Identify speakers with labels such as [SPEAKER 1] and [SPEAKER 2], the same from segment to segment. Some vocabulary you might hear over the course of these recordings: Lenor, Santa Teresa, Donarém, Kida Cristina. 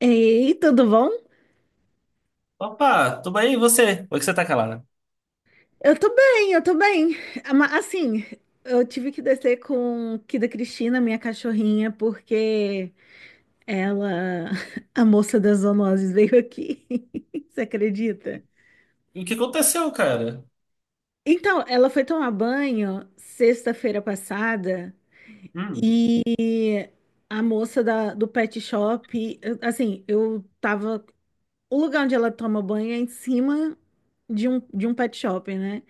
[SPEAKER 1] Ei, tudo bom?
[SPEAKER 2] Opa, tudo bem? E você? Por que você tá calada?
[SPEAKER 1] Eu tô bem, eu tô bem. Assim, eu tive que descer com Kida Cristina, minha cachorrinha, porque ela, a moça das zoonoses, veio aqui. Você acredita?
[SPEAKER 2] E o que aconteceu, cara?
[SPEAKER 1] Então, ela foi tomar banho sexta-feira passada.
[SPEAKER 2] Hum,
[SPEAKER 1] A moça da- do pet shop, eu- assim, eu tava. O lugar onde ela toma banho é em cima de um pet shop, né?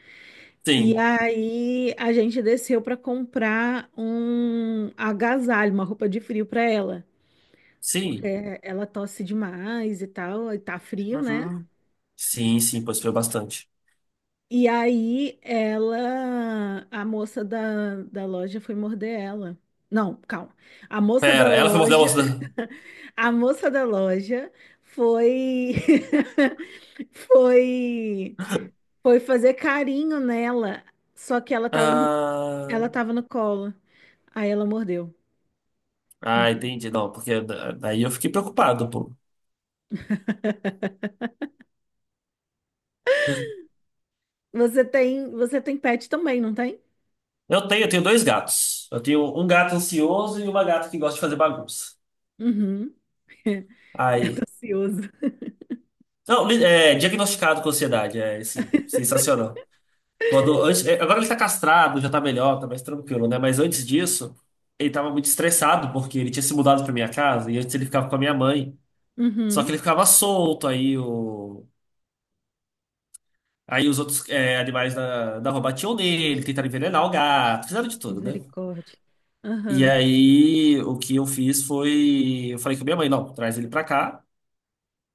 [SPEAKER 1] E
[SPEAKER 2] sim,
[SPEAKER 1] aí a gente desceu para comprar um agasalho, uma roupa de frio para ela, porque
[SPEAKER 2] sim.
[SPEAKER 1] ela tosse demais e tal, e tá frio, né?
[SPEAKER 2] Uhum. Sim, sim, pois foi bastante.
[SPEAKER 1] E aí ela, a moça da loja foi morder ela. Não, calma. A moça da
[SPEAKER 2] Pera, ela foi morder a
[SPEAKER 1] loja,
[SPEAKER 2] moça da...
[SPEAKER 1] a moça da loja foi, foi foi fazer carinho nela, só que ela tava ela
[SPEAKER 2] Ah,
[SPEAKER 1] tava no colo. Aí ela mordeu.
[SPEAKER 2] ah,
[SPEAKER 1] Entendo.
[SPEAKER 2] entendi. Não, porque daí eu fiquei preocupado, pô.
[SPEAKER 1] Você tem pet também, não tem?
[SPEAKER 2] Eu tenho dois gatos. Eu tenho um gato ansioso e uma gata que gosta de fazer bagunça.
[SPEAKER 1] Uhum. Gato
[SPEAKER 2] Aí...
[SPEAKER 1] ansioso.
[SPEAKER 2] Não, é, diagnosticado com ansiedade, é, sim, sensacional. É, agora ele tá castrado, já tá melhor, tá mais tranquilo, né? Mas antes disso, ele tava muito estressado porque ele tinha se mudado pra minha casa e antes ele ficava com a minha mãe. Só que
[SPEAKER 1] Uhum.
[SPEAKER 2] ele ficava solto, aí os outros é, animais da rua batiam nele, tentaram envenenar o gato, fizeram de tudo, né?
[SPEAKER 1] Misericórdia.
[SPEAKER 2] E
[SPEAKER 1] Aham.
[SPEAKER 2] aí o que eu fiz foi, eu falei com a minha mãe, não, traz ele pra cá,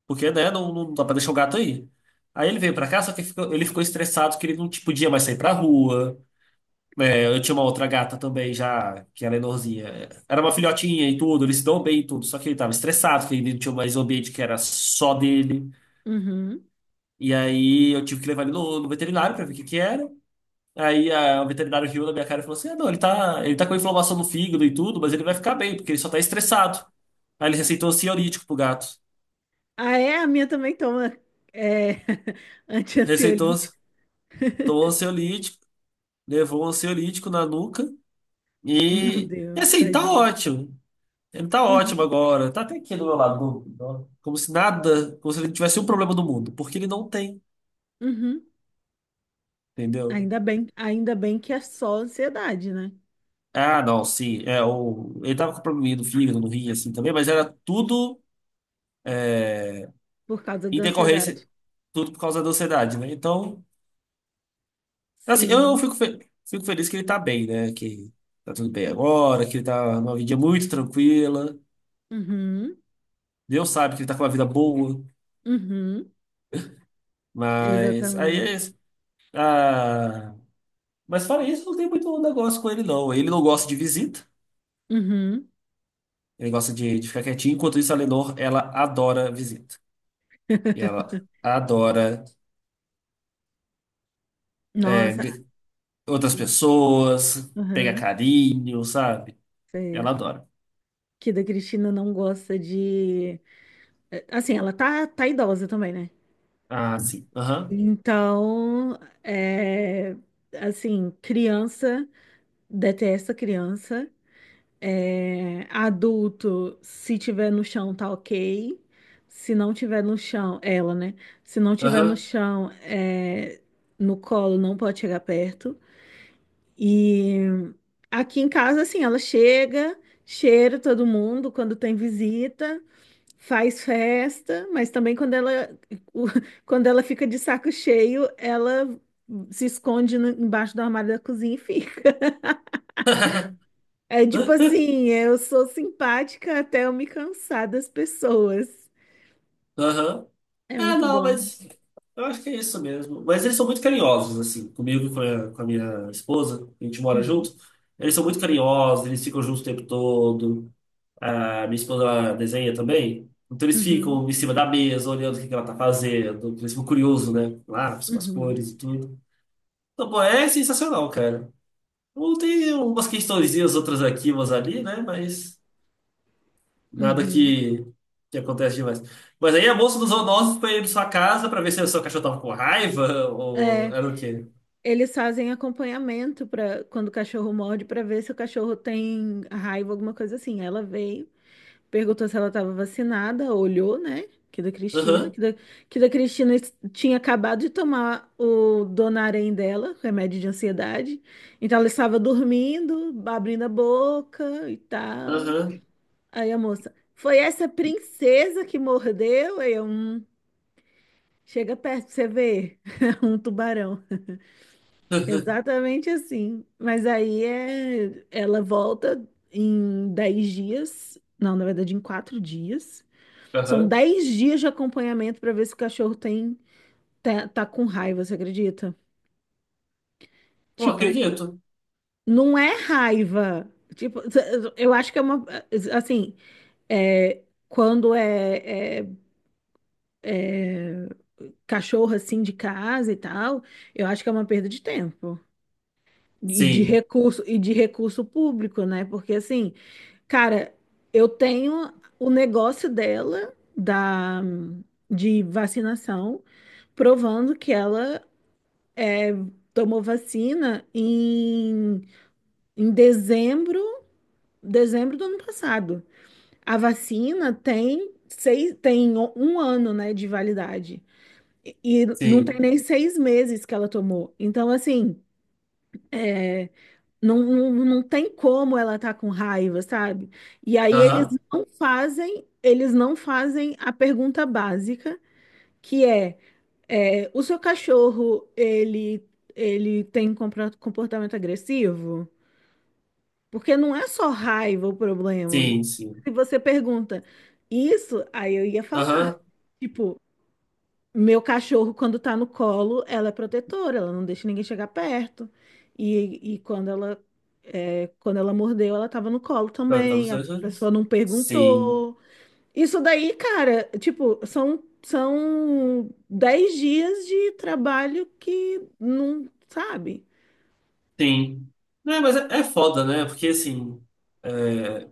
[SPEAKER 2] porque, né, não dá pra deixar o gato aí. Aí ele veio pra cá, só que ele ficou estressado que ele não tipo, podia mais sair pra rua. É, eu tinha uma outra gata também, já, que era menorzinha. Era uma filhotinha e tudo, eles se dão bem e tudo, só que ele tava estressado, porque ele não tinha mais um ambiente que era só dele.
[SPEAKER 1] Uhum.
[SPEAKER 2] E aí eu tive que levar ele no veterinário pra ver o que que era. Aí o veterinário riu na minha cara e falou assim: ah, não, ele tá com inflamação no fígado e tudo, mas ele vai ficar bem, porque ele só tá estressado. Aí ele receitou ansiolítico pro gato.
[SPEAKER 1] Ah, é? A minha também toma, é,
[SPEAKER 2] Receitou,
[SPEAKER 1] antiansiolítico.
[SPEAKER 2] tomou ansiolítico, levou um ansiolítico na nuca.
[SPEAKER 1] Meu
[SPEAKER 2] E, e
[SPEAKER 1] Deus,
[SPEAKER 2] assim, tá
[SPEAKER 1] tadinho.
[SPEAKER 2] ótimo. Ele tá ótimo
[SPEAKER 1] Uhum.
[SPEAKER 2] agora. Tá até aqui do meu lado. Como se nada, como se ele tivesse um problema do mundo, porque ele não tem,
[SPEAKER 1] Uhum.
[SPEAKER 2] entendeu?
[SPEAKER 1] Ainda bem que é só ansiedade, né?
[SPEAKER 2] Ah, não, sim. É, o, ele tava com probleminha no fígado, no rim, assim também, mas era tudo
[SPEAKER 1] Por causa
[SPEAKER 2] em
[SPEAKER 1] da
[SPEAKER 2] decorrência,
[SPEAKER 1] ansiedade.
[SPEAKER 2] tudo por causa da ansiedade, né? Então, assim, eu
[SPEAKER 1] Sim.
[SPEAKER 2] fico, fico feliz que ele tá bem, né? Que tá tudo bem agora, que ele tá numa vida muito tranquila.
[SPEAKER 1] Uhum.
[SPEAKER 2] Deus sabe que ele tá com uma vida boa,
[SPEAKER 1] Uhum.
[SPEAKER 2] mas aí é
[SPEAKER 1] Exatamente.
[SPEAKER 2] isso. Ah, mas fora isso, não tem muito negócio com ele, não. Ele não gosta de visita.
[SPEAKER 1] Uhum.
[SPEAKER 2] Ele gosta de ficar quietinho. Enquanto isso, a Lenor, ela adora visita. E ela adora é,
[SPEAKER 1] Nossa,
[SPEAKER 2] outras pessoas, pegar
[SPEAKER 1] aham,
[SPEAKER 2] carinho, sabe? Ela
[SPEAKER 1] sei.
[SPEAKER 2] adora.
[SPEAKER 1] Que da Cristina não gosta de. Assim, ela tá idosa também, né?
[SPEAKER 2] Ah, sim. Aham.
[SPEAKER 1] Então, é, assim, criança detesta criança. É, adulto, se tiver no chão, tá ok. Se não tiver no chão, ela, né? Se não tiver no
[SPEAKER 2] Aham.
[SPEAKER 1] chão, no colo, não pode chegar perto. E aqui em casa, assim, ela chega, cheira todo mundo quando tem visita, faz festa, mas também quando ela, o- quando ela fica de saco cheio, ela se esconde embaixo do armário da cozinha e fica. É tipo assim, eu sou simpática até eu me cansar das pessoas.
[SPEAKER 2] Aham.
[SPEAKER 1] É
[SPEAKER 2] Ah,
[SPEAKER 1] muito
[SPEAKER 2] não,
[SPEAKER 1] bom.
[SPEAKER 2] mas eu acho que é isso mesmo. Mas eles são muito carinhosos, assim, comigo e com com a minha esposa, a gente mora
[SPEAKER 1] Uhum,
[SPEAKER 2] junto. Eles são muito carinhosos, eles ficam juntos o tempo todo. A minha esposa ela desenha também. Então eles
[SPEAKER 1] uhum,
[SPEAKER 2] ficam em cima da mesa, olhando o que que ela tá fazendo. Eles ficam curiosos, né? Lá com as
[SPEAKER 1] uhum,
[SPEAKER 2] cores e tudo. Então, pô, é sensacional, cara. Ou tem umas questõezinhas, outras aqui, umas ali, né? Mas nada
[SPEAKER 1] uhum.
[SPEAKER 2] que acontece demais. Mas aí a moça dos zoonoses foi ir na sua casa pra ver se o seu cachorro tava com raiva ou
[SPEAKER 1] É.
[SPEAKER 2] era o quê?
[SPEAKER 1] Eles fazem acompanhamento para quando o cachorro morde, para ver se o cachorro tem raiva, alguma coisa assim. Ela veio, perguntou se ela estava vacinada, olhou, né?
[SPEAKER 2] Aham,
[SPEAKER 1] Que da Cristina es- tinha acabado de tomar o Donarém dela, remédio de ansiedade. Então ela estava dormindo, abrindo a boca e tal.
[SPEAKER 2] aham,
[SPEAKER 1] Aí a moça, foi essa princesa que mordeu? Aí eu, chega perto pra você ver. Um tubarão." Exatamente assim. Mas aí, ela volta em 10 dias. Não, na verdade, em 4 dias. São
[SPEAKER 2] aham.
[SPEAKER 1] dez dias de acompanhamento para ver se o cachorro tá com raiva, você acredita?
[SPEAKER 2] Pô,
[SPEAKER 1] Tipo,
[SPEAKER 2] acredito.
[SPEAKER 1] não é raiva. Tipo, eu acho que é uma. Assim, é, é cachorro assim de casa e tal, eu acho que é uma perda de tempo.
[SPEAKER 2] Sim,
[SPEAKER 1] E de recurso público, né? Porque assim. Cara, eu tenho o negócio dela da de vacinação, provando que ela tomou vacina em, em dezembro, dezembro do ano passado. A vacina tem um ano, né, de validade. E não tem
[SPEAKER 2] sim.
[SPEAKER 1] nem seis meses que ela tomou. Então, assim, não, tem como ela tá com raiva, sabe? E aí
[SPEAKER 2] Aham,
[SPEAKER 1] eles não fazem a pergunta básica, que é, o seu cachorro, ele tem comportamento agressivo? Porque não é só raiva o problema.
[SPEAKER 2] sim, sim.
[SPEAKER 1] Se você pergunta isso, aí eu ia falar.
[SPEAKER 2] Aham.
[SPEAKER 1] Tipo, meu cachorro, quando tá no colo, ela é protetora, ela não deixa ninguém chegar perto. E quando ela, quando ela mordeu, ela tava no colo
[SPEAKER 2] Não, tá nos
[SPEAKER 1] também, a
[SPEAKER 2] dois
[SPEAKER 1] pessoa
[SPEAKER 2] anos.
[SPEAKER 1] não
[SPEAKER 2] Sim,
[SPEAKER 1] perguntou. Isso daí, cara, tipo, são 10 dias de trabalho que não sabe.
[SPEAKER 2] sim. Não, mas é, é foda, né? Porque assim. É,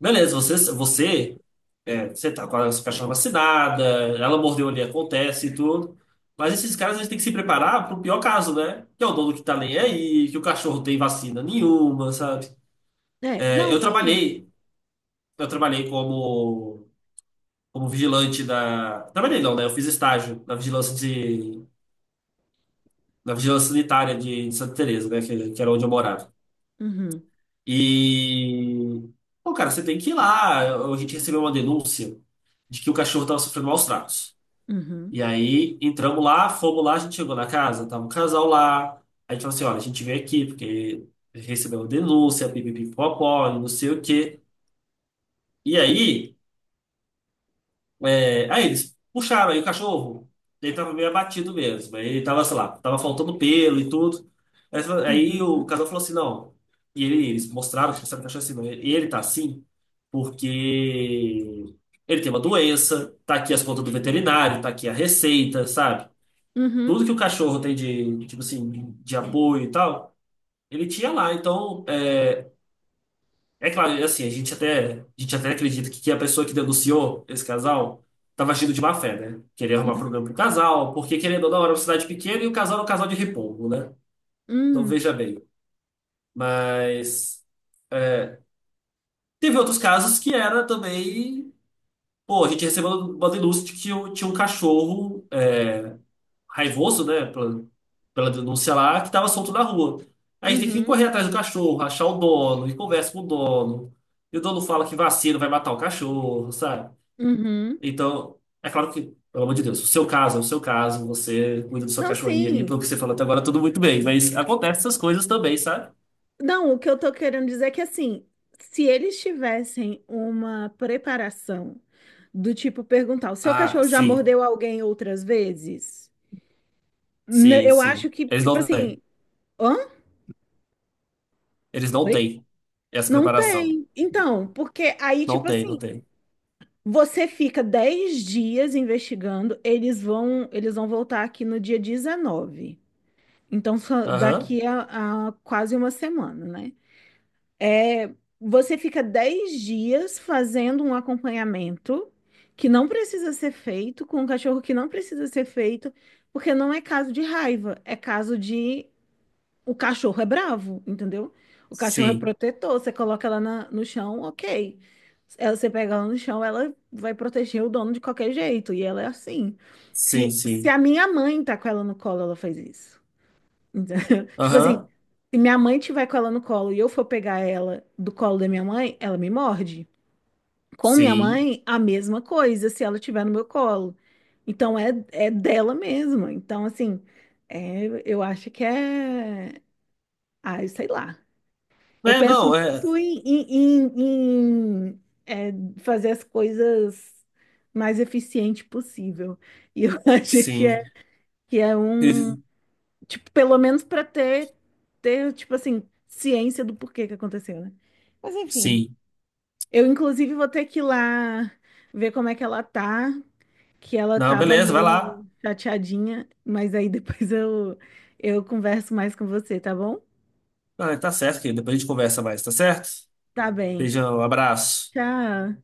[SPEAKER 2] Beleza, você, é, você tá com a sua cachorra vacinada, ela mordeu ali, acontece e tudo. Mas esses caras, eles têm que se preparar pro pior caso, né? Que é o dono que tá nem aí, que o cachorro tem vacina nenhuma, sabe?
[SPEAKER 1] É,
[SPEAKER 2] É,
[SPEAKER 1] não, sim.
[SPEAKER 2] eu trabalhei como, como vigilante da. Trabalhei não, né? Eu fiz estágio na vigilância de. Na vigilância sanitária de Santa Teresa, né? Que era onde eu morava.
[SPEAKER 1] Uhum,
[SPEAKER 2] E, pô, cara, você tem que ir lá. A gente recebeu uma denúncia de que o cachorro estava sofrendo maus tratos.
[SPEAKER 1] uhum,
[SPEAKER 2] E aí entramos lá, fomos lá, a gente chegou na casa, tava um casal lá. Aí a gente falou assim: olha, a gente veio aqui porque recebeu uma denúncia, pipipipopó, e não sei o quê. E aí. É, aí eles puxaram aí o cachorro. Ele tava meio abatido mesmo. Aí ele tava, sei lá, tava faltando pelo e tudo. Aí, aí o
[SPEAKER 1] uhum,
[SPEAKER 2] casal falou assim, não. E eles mostraram que sabe, o cachorro assim, não. Ele tá assim porque ele tem uma doença, tá aqui as contas do veterinário, tá aqui a receita, sabe?
[SPEAKER 1] uhum,
[SPEAKER 2] Tudo que o cachorro tem de, tipo assim, de apoio e tal, ele tinha lá. Então, é, é claro, assim, a gente até acredita que a pessoa que denunciou esse casal estava agindo de má fé, né? Queria arrumar problema pro casal, porque querendo ou não, era uma cidade pequena e o casal era um casal de repolho, né? Então
[SPEAKER 1] uhum,
[SPEAKER 2] veja bem. Mas é, teve outros casos que era também. Pô, a gente recebeu uma denúncia de que tinha um cachorro. É, raivoso, né, pela denúncia lá, que estava solto na rua. Aí a
[SPEAKER 1] uhum,
[SPEAKER 2] gente tem que
[SPEAKER 1] uhum,
[SPEAKER 2] correr atrás do cachorro, achar o dono, e conversa com o dono. E o dono fala que vacina vai matar o cachorro, sabe?
[SPEAKER 1] uhum.
[SPEAKER 2] Então, é claro que, pelo amor de Deus, o seu caso é o seu caso, você cuida do seu
[SPEAKER 1] Não,
[SPEAKER 2] cachorrinho ali,
[SPEAKER 1] sim.
[SPEAKER 2] pelo que você falou até agora, tudo muito bem, mas acontece essas coisas também, sabe?
[SPEAKER 1] Não, o que eu tô querendo dizer é que assim, se eles tivessem uma preparação do tipo perguntar, o seu
[SPEAKER 2] Ah,
[SPEAKER 1] cachorro já
[SPEAKER 2] sim,
[SPEAKER 1] mordeu alguém outras vezes? N-
[SPEAKER 2] sim,
[SPEAKER 1] Eu
[SPEAKER 2] sim.
[SPEAKER 1] acho que,
[SPEAKER 2] Eles
[SPEAKER 1] tipo
[SPEAKER 2] não têm.
[SPEAKER 1] assim, hã?
[SPEAKER 2] Eles não
[SPEAKER 1] Oi?
[SPEAKER 2] têm essa
[SPEAKER 1] Não
[SPEAKER 2] preparação.
[SPEAKER 1] tem. Então, porque aí,
[SPEAKER 2] Não
[SPEAKER 1] tipo
[SPEAKER 2] tem, não
[SPEAKER 1] assim,
[SPEAKER 2] tem.
[SPEAKER 1] você fica 10 dias investigando, eles vão voltar aqui no dia 19. Então, só
[SPEAKER 2] Aham.
[SPEAKER 1] daqui a quase uma semana, né? Você fica 10 dias fazendo um acompanhamento que não precisa ser feito, com um cachorro que não precisa ser feito, porque não é caso de raiva, é caso de o cachorro é bravo, entendeu? O cachorro é
[SPEAKER 2] Sim,
[SPEAKER 1] protetor, você coloca ela no chão, ok. Ela, você pega ela no chão, ela vai proteger o dono de qualquer jeito, e ela é assim.
[SPEAKER 2] sim,
[SPEAKER 1] Se
[SPEAKER 2] sim.
[SPEAKER 1] a minha mãe tá com ela no colo, ela faz isso. Entendeu? Tipo assim,
[SPEAKER 2] Aham.
[SPEAKER 1] se minha mãe tiver com ela no colo e eu for pegar ela do colo da minha mãe, ela me morde. Com minha
[SPEAKER 2] Sim.
[SPEAKER 1] mãe, a mesma coisa, se ela tiver no meu colo. Então é dela mesma. Então, assim, é, eu acho que é. Ai, sei lá. Eu
[SPEAKER 2] É,
[SPEAKER 1] penso
[SPEAKER 2] não, é.
[SPEAKER 1] muito em, fazer as coisas mais eficiente possível. E eu acho
[SPEAKER 2] Sim.
[SPEAKER 1] que é um.
[SPEAKER 2] E-
[SPEAKER 1] Tipo, pelo menos pra ter, ter, tipo assim, ciência do porquê que aconteceu, né? Mas enfim,
[SPEAKER 2] Sim.
[SPEAKER 1] eu inclusive vou ter que ir lá ver como é que ela tá, que ela
[SPEAKER 2] Não,
[SPEAKER 1] tava
[SPEAKER 2] beleza, vai lá.
[SPEAKER 1] meio chateadinha, mas aí depois eu converso mais com você, tá bom?
[SPEAKER 2] Ah, tá certo, querido. Depois a gente conversa mais, tá certo?
[SPEAKER 1] Tá bem.
[SPEAKER 2] Beijão, abraço.
[SPEAKER 1] Tchau.